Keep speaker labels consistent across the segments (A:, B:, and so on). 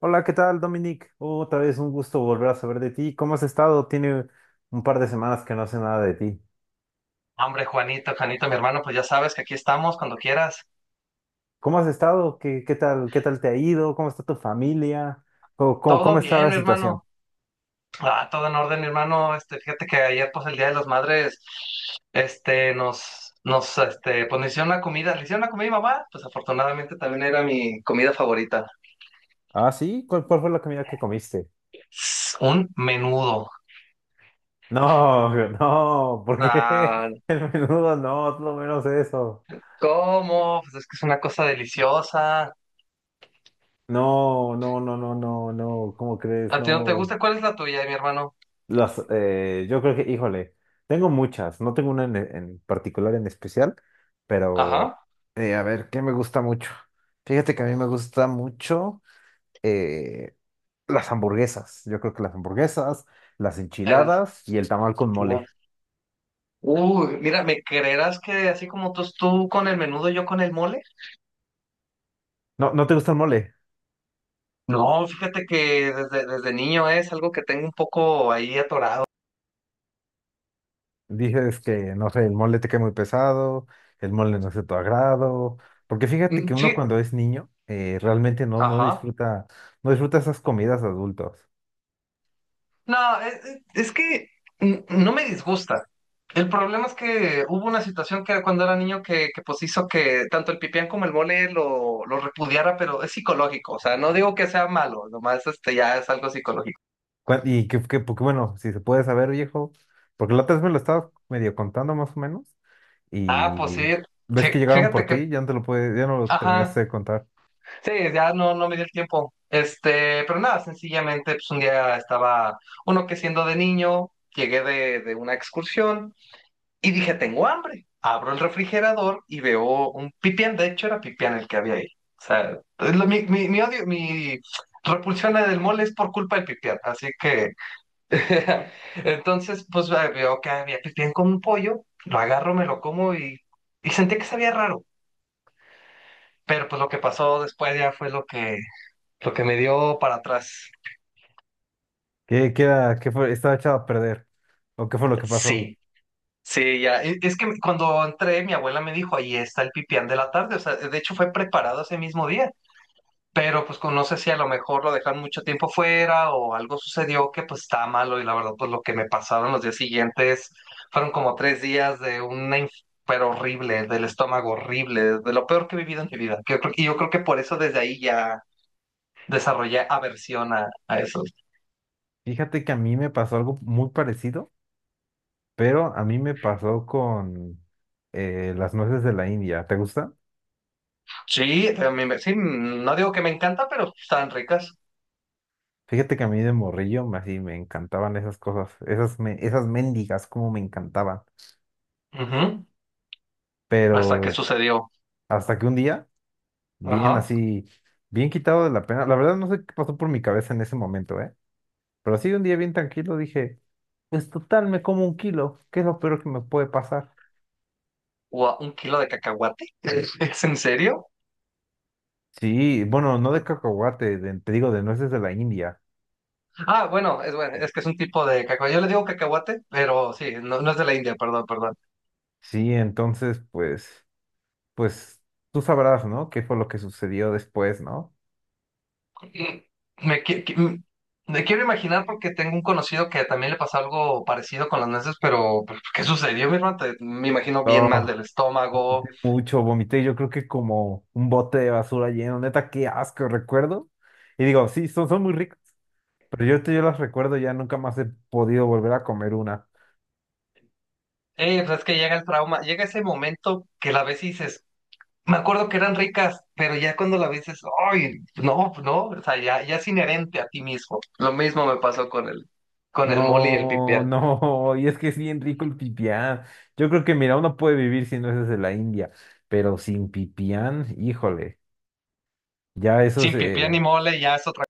A: Hola, ¿qué tal, Dominic? Otra vez un gusto volver a saber de ti. ¿Cómo has estado? Tiene un par de semanas que no sé nada de ti.
B: Hombre, Juanito, Juanito, mi hermano, pues ya sabes que aquí estamos cuando quieras.
A: ¿Cómo has estado? ¿Qué tal te ha ido? ¿Cómo está tu familia? ¿Cómo
B: Todo
A: está
B: bien,
A: la
B: mi
A: situación?
B: hermano. Ah, todo en orden, mi hermano. Fíjate que ayer, pues el Día de las Madres, pues nos hicieron una comida. ¿Le hicieron una comida a mi mamá? Pues afortunadamente también era mi comida favorita.
A: Ah, sí, ¿cuál fue la comida que comiste?
B: Un menudo.
A: No, no, ¿por qué?
B: Ah,
A: El menudo no, es lo menos eso.
B: ¿cómo? Pues es que es una cosa deliciosa.
A: No, no, no, no, no, no, ¿cómo crees?
B: ¿A ti no te
A: No.
B: gusta? ¿Cuál es la tuya, mi hermano?
A: Yo creo que, híjole, tengo muchas, no tengo una en particular en especial, pero
B: Ajá.
A: a ver, ¿qué me gusta mucho? Fíjate que a mí me gusta mucho eh, las hamburguesas. Yo creo que las hamburguesas, las
B: Es-
A: enchiladas y el tamal con mole.
B: Uy, mira, ¿me creerás que así como tú con el menudo, yo con el mole?
A: No, ¿no te gusta el mole?
B: No, fíjate que desde niño, ¿eh? Es algo que tengo un poco ahí atorado.
A: Dices que, no sé, el mole te cae muy pesado, el mole no es de tu agrado, porque fíjate que
B: Mm.
A: uno
B: Sí,
A: cuando es niño realmente no, no
B: ajá.
A: disfruta, no disfruta esas comidas adultos.
B: No, es que mm, no me disgusta. El problema es que hubo una situación que cuando era niño que pues hizo que tanto el pipián como el mole lo repudiara, pero es psicológico. O sea, no digo que sea malo, nomás este ya es algo psicológico.
A: Porque bueno, si se puede saber, viejo, porque la otra vez me lo estabas medio contando más o menos,
B: Ah, pues sí,
A: y
B: sí,
A: ves que llegaron por
B: fíjate que,
A: ti, ya no te lo puede, ya no lo terminaste
B: ajá.
A: de contar.
B: Sí, ya no, no me dio el tiempo. Este, pero nada, sencillamente, pues un día estaba uno que siendo de niño, llegué de una excursión y dije, tengo hambre. Abro el refrigerador y veo un pipián, de hecho era pipián el que había ahí. O sea, es lo- mi odio, mi repulsión del mole es por culpa del pipián. Así que, entonces, pues veo que había pipián con un pollo, lo agarro, me lo como y sentí que sabía raro. Pero pues lo que pasó después ya fue lo que me dio para atrás.
A: ¿Qué fue? Estaba echado a perder. ¿O qué fue lo que pasó?
B: Sí, sí, ya. Es que cuando entré, mi abuela me dijo, ahí está el pipián de la tarde. O sea, de hecho fue preparado ese mismo día. Pero pues no sé si a lo mejor lo dejaron mucho tiempo fuera o algo sucedió que pues está malo. Y la verdad, pues lo que me pasaron los días siguientes fueron como tres días de una pero horrible, del estómago horrible, de lo peor que he vivido en mi vida. Y yo creo que por eso desde ahí ya desarrollé aversión a eso.
A: Fíjate que a mí me pasó algo muy parecido, pero a mí me pasó con las nueces de la India. ¿Te gusta?
B: Sí, a sí, no digo que me encanta, pero están ricas.
A: Fíjate que a mí de morrillo me- así me encantaban esas cosas, esas mendigas, como me encantaban.
B: Ujú. Hasta
A: Pero
B: que sucedió.
A: hasta que un día. Bien
B: Ajá.
A: así, bien quitado de la pena. La verdad no sé qué pasó por mi cabeza en ese momento, ¿eh? Pero así un día bien tranquilo dije, pues total, me como un kilo, ¿qué es lo peor que me puede pasar?
B: ¿Un kilo de cacahuate? ¿Es en serio?
A: Sí, bueno, no de cacahuate, de- te digo, de nueces de la India.
B: Ah, bueno, es que es un tipo de cacahuate. Yo le digo cacahuate, pero sí, no, no es de la India, perdón, perdón.
A: Sí, entonces, pues tú sabrás, ¿no? ¿Qué fue lo que sucedió después, no?
B: Mm. Me, qui- qui- mm, me quiero imaginar porque tengo un conocido que también le pasó algo parecido con las nueces, pero ¿qué sucedió, mi hermano? Me imagino bien
A: Oh,
B: mal del
A: vomité
B: estómago.
A: mucho, vomité, yo creo que como un bote de basura lleno, neta, qué asco, recuerdo. Y digo, sí, son muy ricos. Pero yo las recuerdo, ya nunca más he podido volver a comer una.
B: Pues es que llega el trauma, llega ese momento que la ves y dices, me acuerdo que eran ricas, pero ya cuando la ves, es, ay, no, no, o sea, ya, ya es inherente a ti mismo. Lo mismo me pasó con el mole y el
A: No,
B: pipián.
A: no, y es que es bien rico el pipián. Yo creo que, mira, uno puede vivir sin nueces de la India, pero sin pipián, híjole, ya eso
B: Sin pipián ni
A: se...
B: mole ya es otra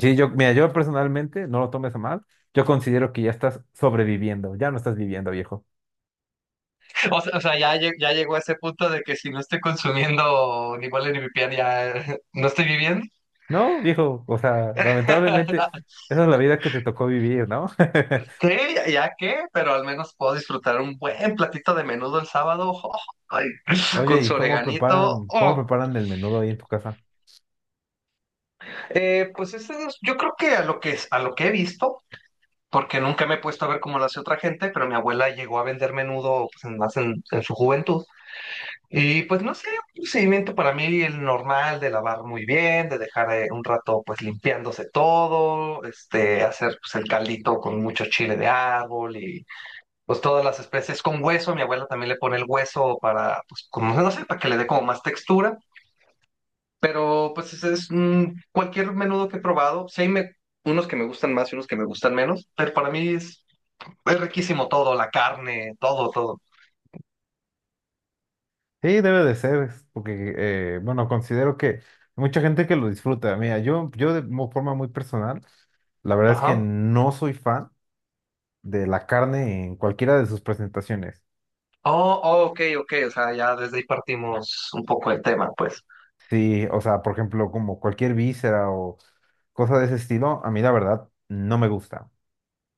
A: Sí, yo, mira, yo personalmente, no lo tomes a mal, yo considero que ya estás sobreviviendo, ya no estás viviendo, viejo.
B: cosa. O sea, ya, ya llegó a ese punto de que si no estoy consumiendo ni mole ni pipián, ya no estoy viviendo.
A: No, viejo, o sea, lamentablemente,
B: No,
A: esa es la vida que te tocó vivir, ¿no?
B: sí, ya, ya qué, pero al menos puedo disfrutar un buen platito de menudo el sábado. Oh, ay,
A: Oye,
B: con
A: ¿y
B: su
A: cómo
B: oreganito.
A: preparan, cómo
B: Oh.
A: preparan el menudo ahí en tu casa?
B: Pues yo creo que a lo que, a lo que he visto. Porque nunca me he puesto a ver cómo lo hace otra gente, pero mi abuela llegó a vender menudo pues, más en su juventud. Y pues no sé, un procedimiento para mí el normal de lavar muy bien, de dejar un rato pues limpiándose todo, este, hacer pues el caldito con mucho chile de árbol y pues todas las especies con hueso. Mi abuela también le pone el hueso para pues como no sé, para que le dé como más textura. Pero pues ese es cualquier menudo que he probado. Sí, unos que me gustan más y unos que me gustan menos, pero para mí es riquísimo todo, la carne, todo, todo.
A: Sí, debe de ser, es porque, bueno, considero que hay mucha gente que lo disfruta. Mira, forma muy personal, la verdad es que
B: Ajá.
A: no soy fan de la carne en cualquiera de sus presentaciones.
B: Oh, oh, ok, ok. O sea, ya desde ahí partimos un poco el tema, pues.
A: Sí, o sea, por ejemplo, como cualquier víscera o cosa de ese estilo, a mí la verdad no me gusta.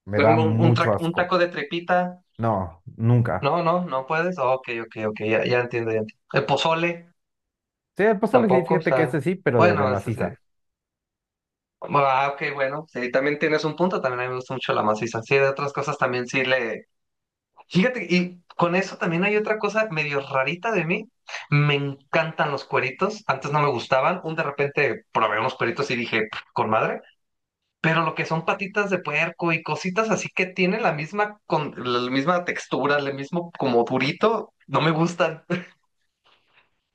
A: Me
B: Por
A: da
B: ejemplo, un
A: mucho
B: un
A: asco.
B: taco de trepita.
A: No, nunca.
B: No, no, no puedes. Oh, ok, ok, ok. Ya, ya entiendo, ya entiendo. El pozole,
A: Sí, el pozole sí,
B: tampoco. O
A: fíjate que
B: sea,
A: este sí, pero de
B: bueno, eso sí.
A: maciza.
B: Ah, ok, bueno. Sí, también tienes un punto. También a mí me gusta mucho la maciza. Sí, de otras cosas también sí le. Fíjate, y con eso también hay otra cosa medio rarita de mí. Me encantan los cueritos. Antes no me gustaban. Un de repente probé unos cueritos y dije, "Pf, con madre". Pero lo que son patitas de puerco y cositas así que tienen la misma, con, la misma textura, el mismo como durito, no me gustan.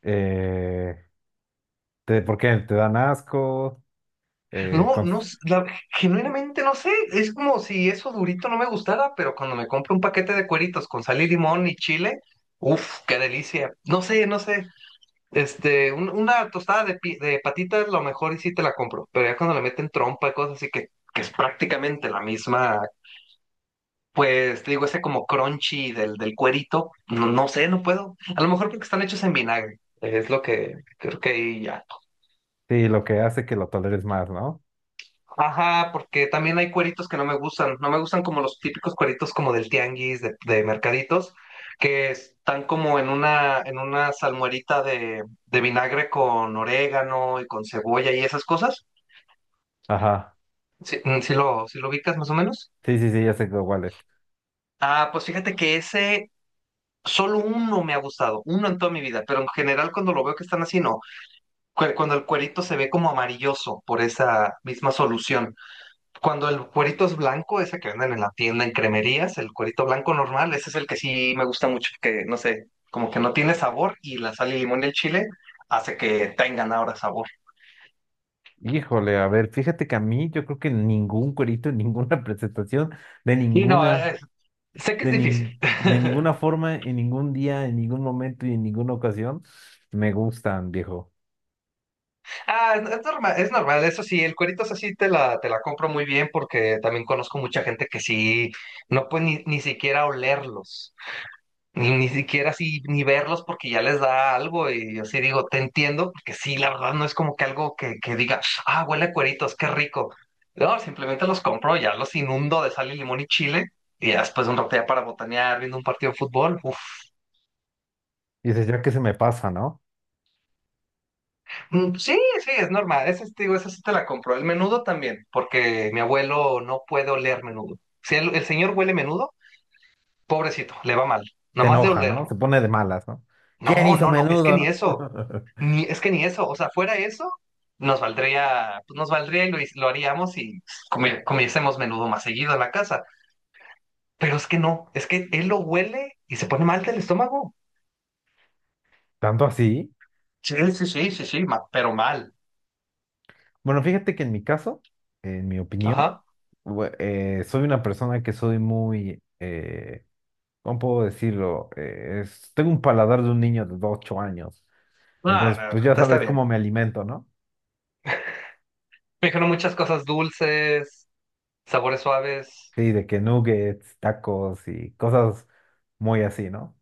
A: Eh, ¿Por qué? Te dan asco. Eh,
B: No,
A: cons-
B: no, genuinamente no sé. Es como si eso durito no me gustara, pero cuando me compro un paquete de cueritos con sal y limón y chile, uff, qué delicia. No sé, no sé. Este, una tostada de, de patitas, lo mejor y sí te la compro, pero ya cuando le meten trompa y cosas así que es prácticamente la misma, pues te digo, ese como crunchy del cuerito, no, no sé, no puedo. A lo mejor porque están hechos en vinagre, es lo que creo que ahí ya.
A: sí, lo que hace que lo toleres más, ¿no?
B: Ajá, porque también hay cueritos que no me gustan, no me gustan como los típicos cueritos como del tianguis, de mercaditos, que están como en una salmuerita de vinagre con orégano y con cebolla y esas cosas.
A: Ajá.
B: Sí, mm, sí lo ubicas más o menos.
A: Sí, sí, sí, ya sé cuál es.
B: Ah, pues fíjate que ese, solo uno me ha gustado, uno en toda mi vida, pero en general cuando lo veo que están así, no. Cuando el cuerito se ve como amarilloso por esa misma solución. Cuando el cuerito es blanco, ese que venden en la tienda, en cremerías, el cuerito blanco normal, ese es el que sí me gusta mucho, que no sé, como que no tiene sabor y la sal y limón y el chile hace que tengan ahora sabor.
A: Híjole, a ver, fíjate que a mí yo creo que ningún cuerito, en ninguna presentación, de
B: Y no,
A: ninguna,
B: sé que es
A: de,
B: difícil.
A: nin- de ninguna forma, en ningún día, en ningún momento y en ninguna ocasión, me gustan, viejo.
B: Ah, es normal, eso sí, el cuerito esa sí te la compro muy bien porque también conozco mucha gente que sí, no puede ni, ni siquiera olerlos, ni, ni siquiera así, ni verlos porque ya les da algo y yo sí digo, te entiendo, porque sí, la verdad no es como que algo que diga, ah, huele a cueritos, qué rico. No, simplemente los compro, ya los inundo de sal y limón y chile y ya después de un rato ya para botanear, viendo un partido de fútbol, uff.
A: Dices, ya que se me pasa, ¿no?
B: Mm. Sí, sí, es normal. Esa, sí, te digo, esa sí te la compro. El menudo también, porque mi abuelo no puede oler menudo. Si el señor huele menudo, pobrecito, le va mal.
A: Te
B: Nomás de
A: enoja, ¿no? Se
B: olerlo.
A: pone de malas, ¿no? ¿Quién
B: No,
A: hizo
B: no, no, es que
A: menudo,
B: ni eso.
A: no?
B: Ni, es que ni eso. O sea, fuera eso, nos valdría, pues nos valdría y lo haríamos y comiésemos menudo más seguido en la casa. Pero es que no, es que él lo huele y se pone mal del estómago.
A: Tanto así.
B: Sí, sí, sí, sí, sí, pero mal.
A: Bueno, fíjate que en mi caso, en mi opinión,
B: Ajá.
A: soy una persona que soy muy. ¿Cómo puedo decirlo? Tengo un paladar de un niño de 8 años.
B: Ah,
A: Entonces, pues
B: no,
A: ya
B: está está
A: sabes
B: bien.
A: cómo me alimento, ¿no?
B: Me dijeron muchas cosas dulces. Sabores suaves.
A: Sí, de que nuggets, tacos y cosas muy así, ¿no?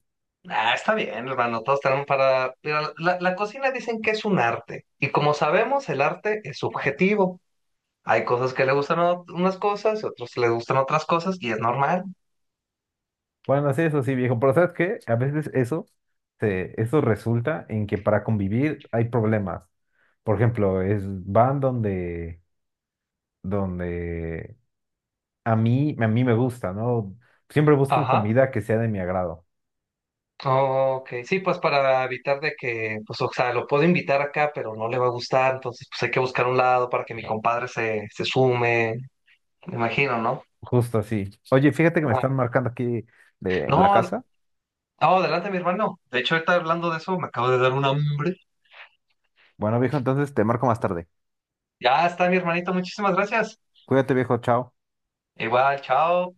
B: Ah, está bien, hermano. Todos tenemos para. Mira, la cocina dicen que es un arte. Y como sabemos, el arte es subjetivo. Hay cosas que le gustan a unas cosas y otros le gustan otras cosas y es normal.
A: Bueno, sí, eso sí, viejo. Pero ¿sabes qué? A veces eso resulta en que para convivir hay problemas. Por ejemplo, van donde, donde a mí me gusta, ¿no? Siempre buscan
B: Ajá.
A: comida que sea de mi agrado.
B: Ok. Sí, pues para evitar de que, pues, o sea, lo puedo invitar acá, pero no le va a gustar. Entonces, pues hay que buscar un lado para que mi compadre se sume. Me imagino, ¿no?
A: Justo así. Oye, fíjate que me
B: Ah,
A: están marcando aquí de la
B: No, ad-
A: casa.
B: no, adelante, mi hermano. De hecho, ahorita hablando de eso, me acabo de dar un hambre.
A: Bueno, viejo, entonces te marco más tarde.
B: Ya está, mi hermanito. Muchísimas gracias.
A: Cuídate, viejo, chao.
B: Igual, chao.